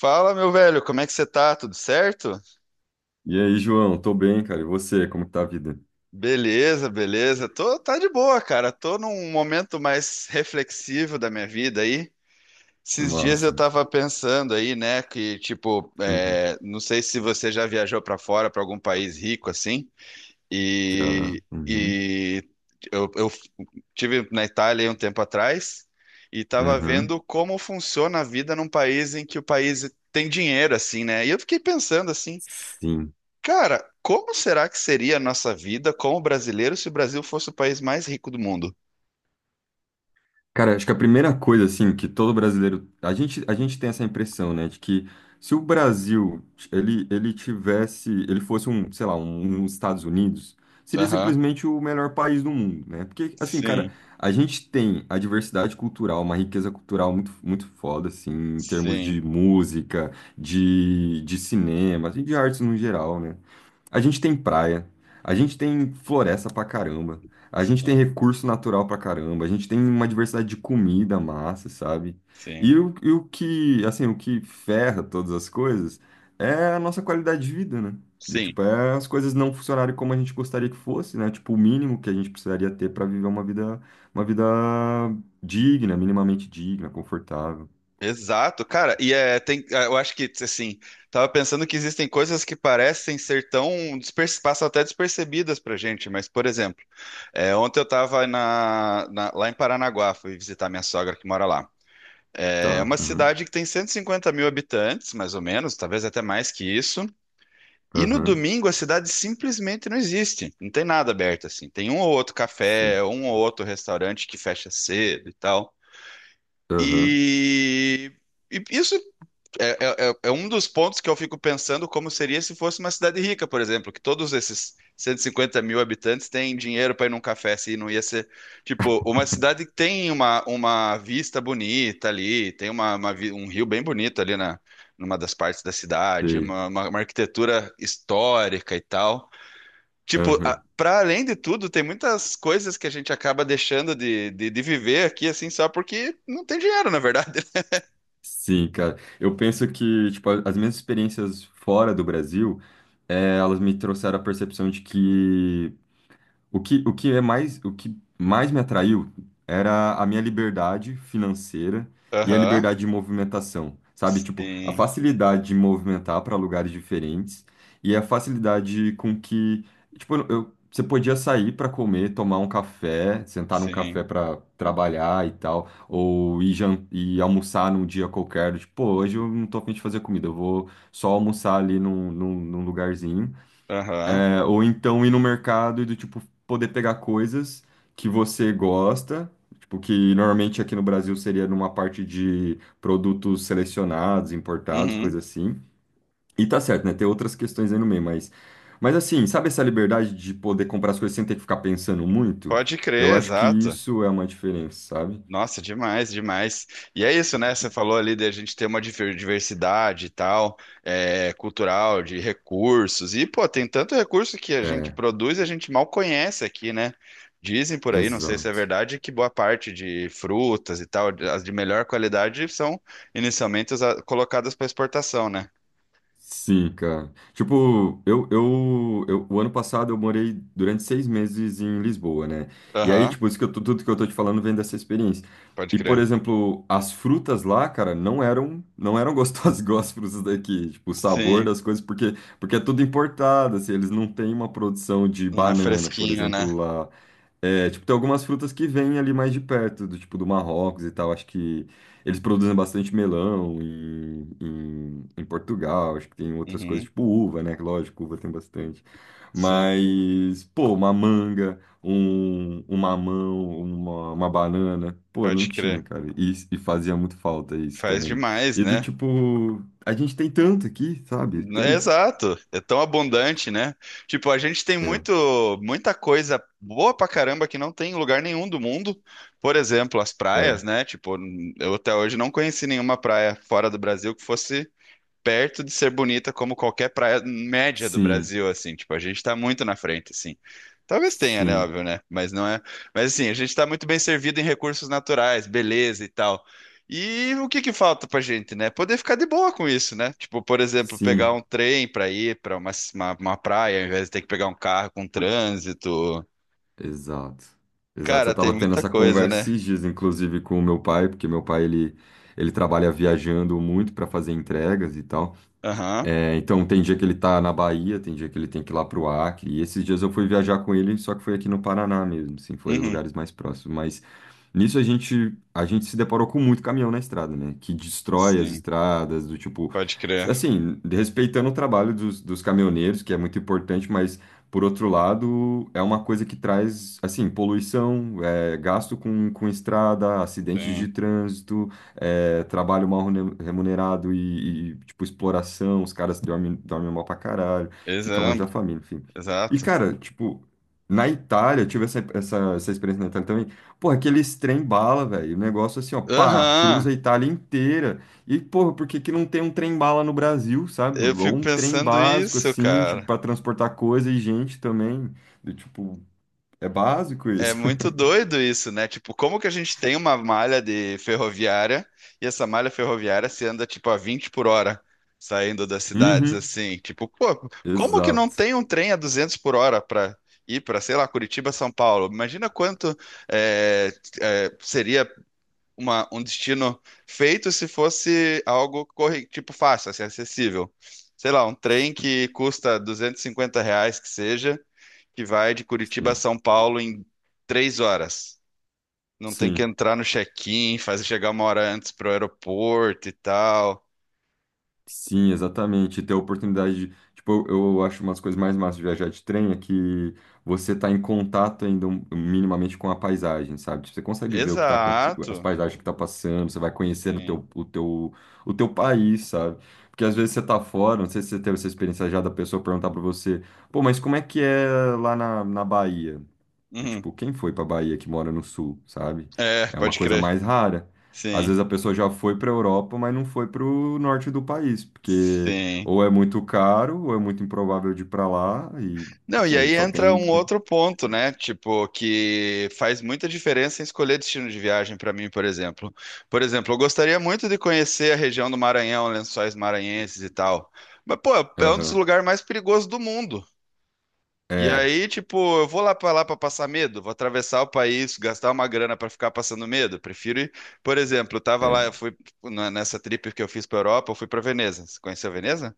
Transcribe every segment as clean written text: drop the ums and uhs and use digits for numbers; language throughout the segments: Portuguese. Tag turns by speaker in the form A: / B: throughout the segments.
A: Fala, meu velho, como é que você tá? Tudo certo?
B: E aí, João? Tô bem, cara. E você? Como que tá a vida?
A: Beleza. Tá de boa, cara. Tô num momento mais reflexivo da minha vida aí. Esses dias eu
B: Massa.
A: tava pensando aí, né, que tipo,
B: Uhum.
A: não sei se você já viajou pra fora, pra algum país rico assim.
B: Já.
A: E,
B: Uhum.
A: e eu tive na Itália aí um tempo atrás e tava
B: Uhum.
A: vendo como funciona a vida num país em que o país tem dinheiro assim, né? E eu fiquei pensando assim,
B: Sim.
A: cara, como será que seria a nossa vida como brasileiro se o Brasil fosse o país mais rico do mundo?
B: Cara, acho que a primeira coisa, assim, que todo brasileiro. A gente tem essa impressão, né, de que se o Brasil ele tivesse. Ele fosse um, sei lá, um Estados Unidos, seria
A: Aham.
B: simplesmente o melhor país do mundo, né? Porque, assim, cara,
A: Sim,
B: a gente tem a diversidade cultural, uma riqueza cultural muito, muito foda, assim, em termos
A: sim,
B: de música, de cinema, assim, de artes no geral, né? A gente tem praia, a gente tem floresta pra caramba, a gente tem
A: sim,
B: recurso natural pra caramba, a gente tem uma diversidade de comida massa, sabe?
A: sim,
B: E o que, assim, o que ferra todas as coisas é a nossa qualidade de vida, né? Do
A: sim.
B: tipo, é as coisas não funcionarem como a gente gostaria que fosse, né? Tipo, o mínimo que a gente precisaria ter pra viver uma vida digna, minimamente digna, confortável.
A: Exato, cara. Eu acho que, assim, tava pensando que existem coisas que parecem ser tão, passam até despercebidas pra gente, mas, por exemplo, ontem eu tava lá em Paranaguá, fui visitar minha sogra que mora lá. É
B: Tá,
A: uma
B: aham,
A: cidade que tem 150 mil habitantes, mais ou menos, talvez até mais que isso. E no
B: aham,
A: domingo a cidade simplesmente não existe. Não tem nada aberto assim. Tem um ou outro
B: sim,
A: café, um ou outro restaurante que fecha cedo e tal.
B: aham,
A: E, e isso é um dos pontos que eu fico pensando como seria se fosse uma cidade rica, por exemplo, que todos esses 150 mil habitantes têm dinheiro para ir num café, se não ia ser, tipo, uma cidade que tem uma vista bonita ali, tem um rio bem bonito ali numa das partes da cidade,
B: sei,
A: uma arquitetura histórica e tal. Tipo,
B: aham.
A: para além de tudo, tem muitas coisas que a gente acaba deixando de viver aqui, assim, só porque não tem dinheiro, na verdade.
B: Sim, cara. Eu penso que, tipo, as minhas experiências fora do Brasil, elas me trouxeram a percepção de que o que mais me atraiu era a minha liberdade financeira e a
A: Aham,
B: liberdade de movimentação, sabe? Tipo, a
A: sim.
B: facilidade de movimentar para lugares diferentes e a facilidade com que, tipo, você podia sair para comer, tomar um café, sentar num
A: Sim.
B: café para trabalhar e tal, ou ir almoçar num dia qualquer, tipo, pô, hoje eu não tô a fim de fazer comida, eu vou só almoçar ali num lugarzinho.
A: Aham.
B: Ou então ir no mercado e do tipo poder pegar coisas que você gosta, tipo que normalmente aqui no Brasil seria numa parte de produtos selecionados, importados,
A: Uhum.
B: coisa assim. E tá certo, né? Tem outras questões aí no meio, mas assim, sabe essa liberdade de poder comprar as coisas sem ter que ficar pensando muito?
A: Pode
B: Eu
A: crer,
B: acho que
A: exato.
B: isso é uma diferença, sabe?
A: Nossa, demais, demais. E é isso, né? Você falou ali de a gente ter uma diversidade e tal, é, cultural, de recursos. E, pô, tem tanto recurso que a gente
B: É,
A: produz e a gente mal conhece aqui, né? Dizem por aí, não sei se é
B: exato.
A: verdade, que boa parte de frutas e tal, as de melhor qualidade, são inicialmente colocadas para exportação, né?
B: Sim, cara. Tipo, o ano passado eu morei durante 6 meses em Lisboa, né? E aí,
A: Aham,
B: tipo, tudo que eu tô te falando vem dessa experiência.
A: pode
B: E, por
A: crer.
B: exemplo, as frutas lá, cara, não eram gostosas igual as frutas daqui. Tipo, o sabor
A: Sim,
B: das coisas, porque é tudo importado, assim, eles não têm uma produção de
A: não é
B: banana, por
A: fresquinho, né?
B: exemplo, lá. É, tipo, tem algumas frutas que vêm ali mais de perto, do tipo do Marrocos e tal. Acho que eles produzem bastante melão em Portugal. Acho que tem outras coisas,
A: Uhum,
B: tipo uva, né? que Lógico, uva tem bastante.
A: sim,
B: Mas, pô, uma manga, um mamão, uma banana. Pô, não
A: pode
B: tinha,
A: crer.
B: cara. E fazia muito falta isso
A: Faz
B: também.
A: demais,
B: E do
A: né?
B: tipo, a gente tem tanto aqui, sabe?
A: É
B: Tanto.
A: exato, é tão abundante, né? Tipo, a gente tem
B: É,
A: muito, muita coisa boa pra caramba que não tem em lugar nenhum do mundo. Por exemplo, as praias,
B: é.
A: né? Tipo, eu até hoje não conheci nenhuma praia fora do Brasil que fosse perto de ser bonita como qualquer praia média do
B: Sim,
A: Brasil, assim, tipo, a gente tá muito na frente, assim. Talvez tenha, né,
B: sim,
A: óbvio, né? Mas não é. Mas assim, a gente tá muito bem servido em recursos naturais, beleza e tal. E o que que falta pra gente, né? Poder ficar de boa com isso, né? Tipo, por exemplo, pegar
B: sim.
A: um trem pra ir pra uma praia, ao invés de ter que pegar um carro com trânsito.
B: Exato. Exato. Eu
A: Cara, tem
B: estava tendo
A: muita
B: essa
A: coisa,
B: conversa
A: né?
B: esses dias, inclusive, com o meu pai, porque meu pai ele trabalha viajando muito para fazer entregas e tal.
A: Aham.
B: É, então tem dia que ele tá na Bahia, tem dia que ele tem que ir lá pro Acre. E esses dias eu fui viajar com ele, só que foi aqui no Paraná mesmo, assim, foi
A: Uhum.
B: lugares mais próximos. Mas nisso a gente se deparou com muito caminhão na estrada, né? Que destrói as
A: Sim,
B: estradas, do tipo,
A: pode crer.
B: assim, respeitando o trabalho dos caminhoneiros, que é muito importante, mas por outro lado, é uma coisa que traz, assim, poluição, gasto com estrada, acidentes de
A: Sim.
B: trânsito trabalho mal remunerado e, tipo, exploração, os caras dormem mal pra caralho, fica longe da
A: Exato,
B: família, enfim. E,
A: exato.
B: cara, tipo, na Itália, eu tive essa experiência na Itália também, porra, aqueles trem bala, velho, o negócio assim, ó, pá,
A: Aham.
B: cruza a Itália inteira, e, porra, por que que não tem um trem bala no Brasil, sabe?
A: Eu
B: Ou
A: fico
B: um trem
A: pensando
B: básico,
A: isso,
B: assim, tipo,
A: cara.
B: pra transportar coisa e gente também, do tipo, é básico
A: É
B: isso.
A: muito doido isso, né? Tipo, como que a gente tem uma malha de ferroviária e essa malha ferroviária se anda tipo a 20 por hora saindo das cidades
B: Uhum,
A: assim? Tipo, pô, como que não
B: exato.
A: tem um trem a 200 por hora para ir para, sei lá, Curitiba, São Paulo? Imagina quanto é, seria um destino feito se fosse algo tipo fácil, assim, acessível. Sei lá, um trem que custa R$ 250 que seja, que vai de Curitiba a
B: Sim,
A: São Paulo em 3 horas. Não tem que
B: sim.
A: entrar no check-in, fazer chegar 1 hora antes pro aeroporto e tal.
B: Sim, exatamente. E ter a oportunidade de, tipo, eu acho umas coisas mais massas de viajar de trem é que você tá em contato ainda minimamente com a paisagem, sabe? Tipo, você consegue ver o que tá acontecendo, as
A: Exato.
B: paisagens que tá passando, você vai conhecendo o
A: Sim.
B: teu, o teu país, sabe? Porque às vezes você tá fora, não sei se você teve essa experiência já da pessoa perguntar pra você, pô, mas como é que é lá na Bahia? E, tipo,
A: Uhum.
B: quem foi pra Bahia que mora no sul, sabe?
A: É,
B: É uma
A: pode
B: coisa
A: crer.
B: mais rara. Às
A: Sim,
B: vezes a pessoa já foi pra Europa, mas não foi pro norte do país, porque
A: sim.
B: ou é muito caro, ou é muito improvável de ir pra lá, e,
A: Não, e
B: enfim, a
A: aí
B: gente só
A: entra
B: tem.
A: um outro ponto, né? Tipo, que faz muita diferença em escolher destino de viagem para mim, por exemplo. Por exemplo, eu gostaria muito de conhecer a região do Maranhão, Lençóis Maranhenses e tal. Mas, pô, é um dos
B: Aham.
A: lugares mais perigosos do mundo. E
B: É,
A: aí, tipo, eu vou lá pra passar medo, vou atravessar o país, gastar uma grana pra ficar passando medo. Prefiro ir, por exemplo, eu tava lá,
B: é.
A: eu fui tipo, nessa trip que eu fiz pra Europa, eu fui pra Veneza. Você conheceu Veneza?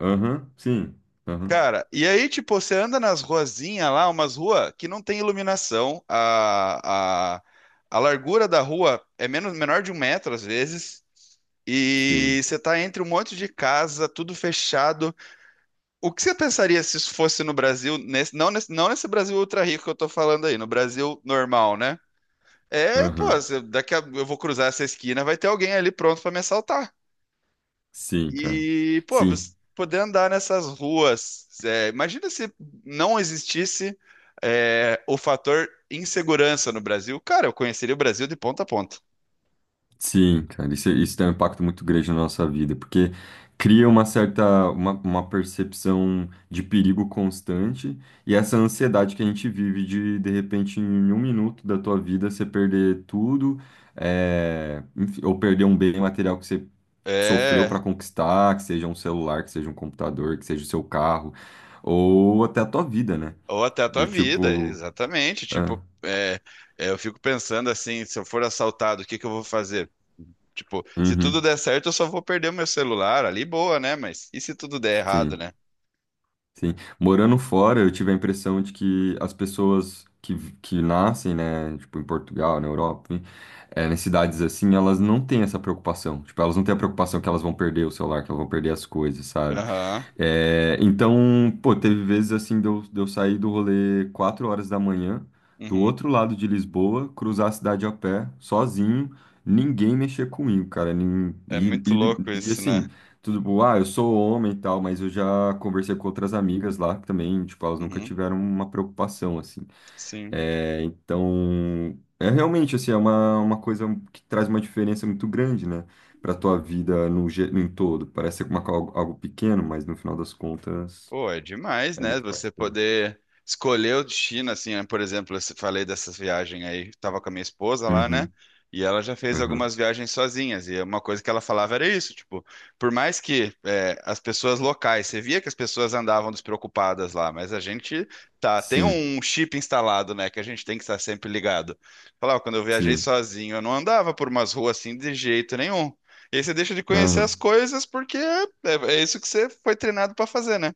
B: Aham, sim. Aham,
A: Cara, e aí, tipo, você anda nas ruazinhas lá, umas ruas que não tem iluminação, a largura da rua é menor de um metro às vezes. E
B: sim.
A: você tá entre um monte de casa, tudo fechado. O que você pensaria se isso fosse no Brasil, nesse- não, nesse, não nesse Brasil ultra rico que eu tô falando aí, no Brasil normal, né? É, pô,
B: Aham,
A: daqui a, eu vou cruzar essa esquina, vai ter alguém ali pronto pra me assaltar.
B: sim, cara.
A: E, pô, você
B: Sim.
A: poder andar nessas ruas, é, imagina se não existisse, é, o fator insegurança no Brasil. Cara, eu conheceria o Brasil de ponta a ponta.
B: Sim, cara, isso tem um impacto muito grande na nossa vida, porque cria uma percepção de perigo constante e essa ansiedade que a gente vive de repente, em um minuto da tua vida, você perder tudo, enfim, ou perder um bem material que você sofreu para
A: É,
B: conquistar, que seja um celular, que seja um computador, que seja o seu carro, ou até a tua vida, né?
A: ou até a tua
B: Do
A: vida,
B: tipo,
A: exatamente.
B: é,
A: Tipo, eu fico pensando assim, se eu for assaltado, o que que eu vou fazer? Tipo, se tudo
B: uhum,
A: der certo, eu só vou perder o meu celular ali, boa, né? Mas e se tudo der errado,
B: sim.
A: né?
B: Sim. Morando fora, eu tive a impressão de que as pessoas que nascem, né, tipo, em Portugal, na Europa, enfim, nas cidades assim, elas não têm essa preocupação. Tipo, elas não têm a preocupação que elas vão perder o celular, que elas vão perder as coisas, sabe?
A: Aham,
B: É, então, pô, teve vezes assim de eu sair do rolê 4 horas da manhã, do
A: uhum.
B: outro lado de Lisboa, cruzar a cidade a pé, sozinho, ninguém mexer comigo, cara. nin-
A: É
B: E,
A: muito louco
B: e, e,
A: isso, né?
B: assim, tudo, bom, ah, eu sou homem e tal, mas eu já conversei com outras amigas lá que também, tipo, elas nunca
A: Uhum.
B: tiveram uma preocupação, assim.
A: Sim.
B: É, então, é realmente assim, é uma coisa que traz uma diferença muito grande, né, para tua vida no, ge- em todo. Parece algo pequeno, mas no final das contas
A: Pô, é demais,
B: é
A: né?
B: muito
A: Você
B: impactante.
A: poder escolher o destino, assim, né? Por exemplo, eu falei dessa viagem aí, tava com a minha esposa lá, né?
B: Uhum,
A: E ela já fez
B: uhum.
A: algumas viagens sozinhas, e uma coisa que ela falava era isso, tipo, por mais que as pessoas locais, você via que as pessoas andavam despreocupadas lá, mas a gente tá, tem
B: Sim,
A: um chip instalado, né, que a gente tem que estar sempre ligado. Falava, quando eu viajei
B: sim.
A: sozinho, eu não andava por umas ruas assim de jeito nenhum. E aí você deixa de conhecer
B: Aham,
A: as coisas porque é isso que você foi treinado pra fazer, né?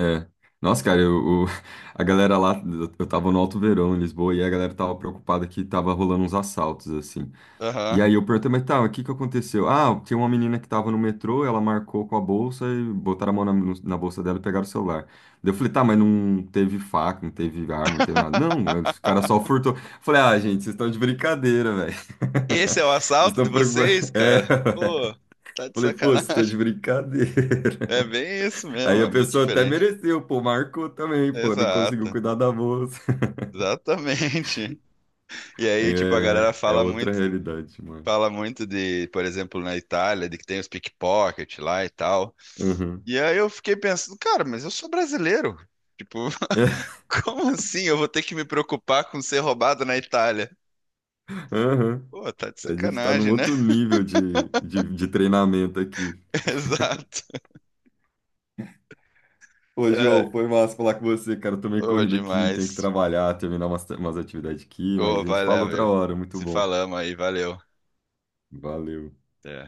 B: É. Nossa, cara, a galera lá, eu tava no Alto Verão, em Lisboa, e a galera tava preocupada que tava rolando uns assaltos, assim. E
A: Aham.
B: aí eu perguntei, mas tá, o que que aconteceu? Ah, tinha uma menina que tava no metrô, ela marcou com a bolsa e botaram a mão na, no- na bolsa dela e pegaram o celular. Daí eu falei, tá, mas não teve faca, não teve arma, não teve nada. Não, os caras só furtou. Falei, ah, gente, vocês estão de brincadeira, velho.
A: Esse é o
B: Vocês
A: assalto
B: estão
A: de
B: preocupados.
A: vocês, cara?
B: É.
A: Pô, tá de
B: Falei, pô, vocês estão de
A: sacanagem.
B: brincadeira.
A: É bem isso mesmo,
B: Aí
A: é
B: a
A: muito
B: pessoa até
A: diferente.
B: mereceu, pô, marcou também, pô, não conseguiu
A: Exato,
B: cuidar da bolsa.
A: exatamente. E aí, tipo, a
B: É,
A: galera
B: é outra realidade, mano.
A: fala muito de, por exemplo, na Itália, de que tem os pickpocket lá e tal.
B: Uhum.
A: E aí eu fiquei pensando, cara, mas eu sou brasileiro. Tipo, como assim eu vou ter que me preocupar com ser roubado na Itália?
B: Uhum.
A: Pô, tá de
B: A gente tá num
A: sacanagem, né?
B: outro nível de treinamento aqui.
A: Exato.
B: Ô,
A: É,
B: João, foi massa falar com você, cara. Eu tomei
A: ô,
B: corrida aqui, tenho que
A: demais.
B: trabalhar, terminar umas atividades aqui,
A: Ô,
B: mas a gente
A: vai
B: fala
A: lá,
B: outra
A: velho.
B: hora. Muito
A: Se
B: bom.
A: falamos aí, valeu.
B: Valeu.
A: Até.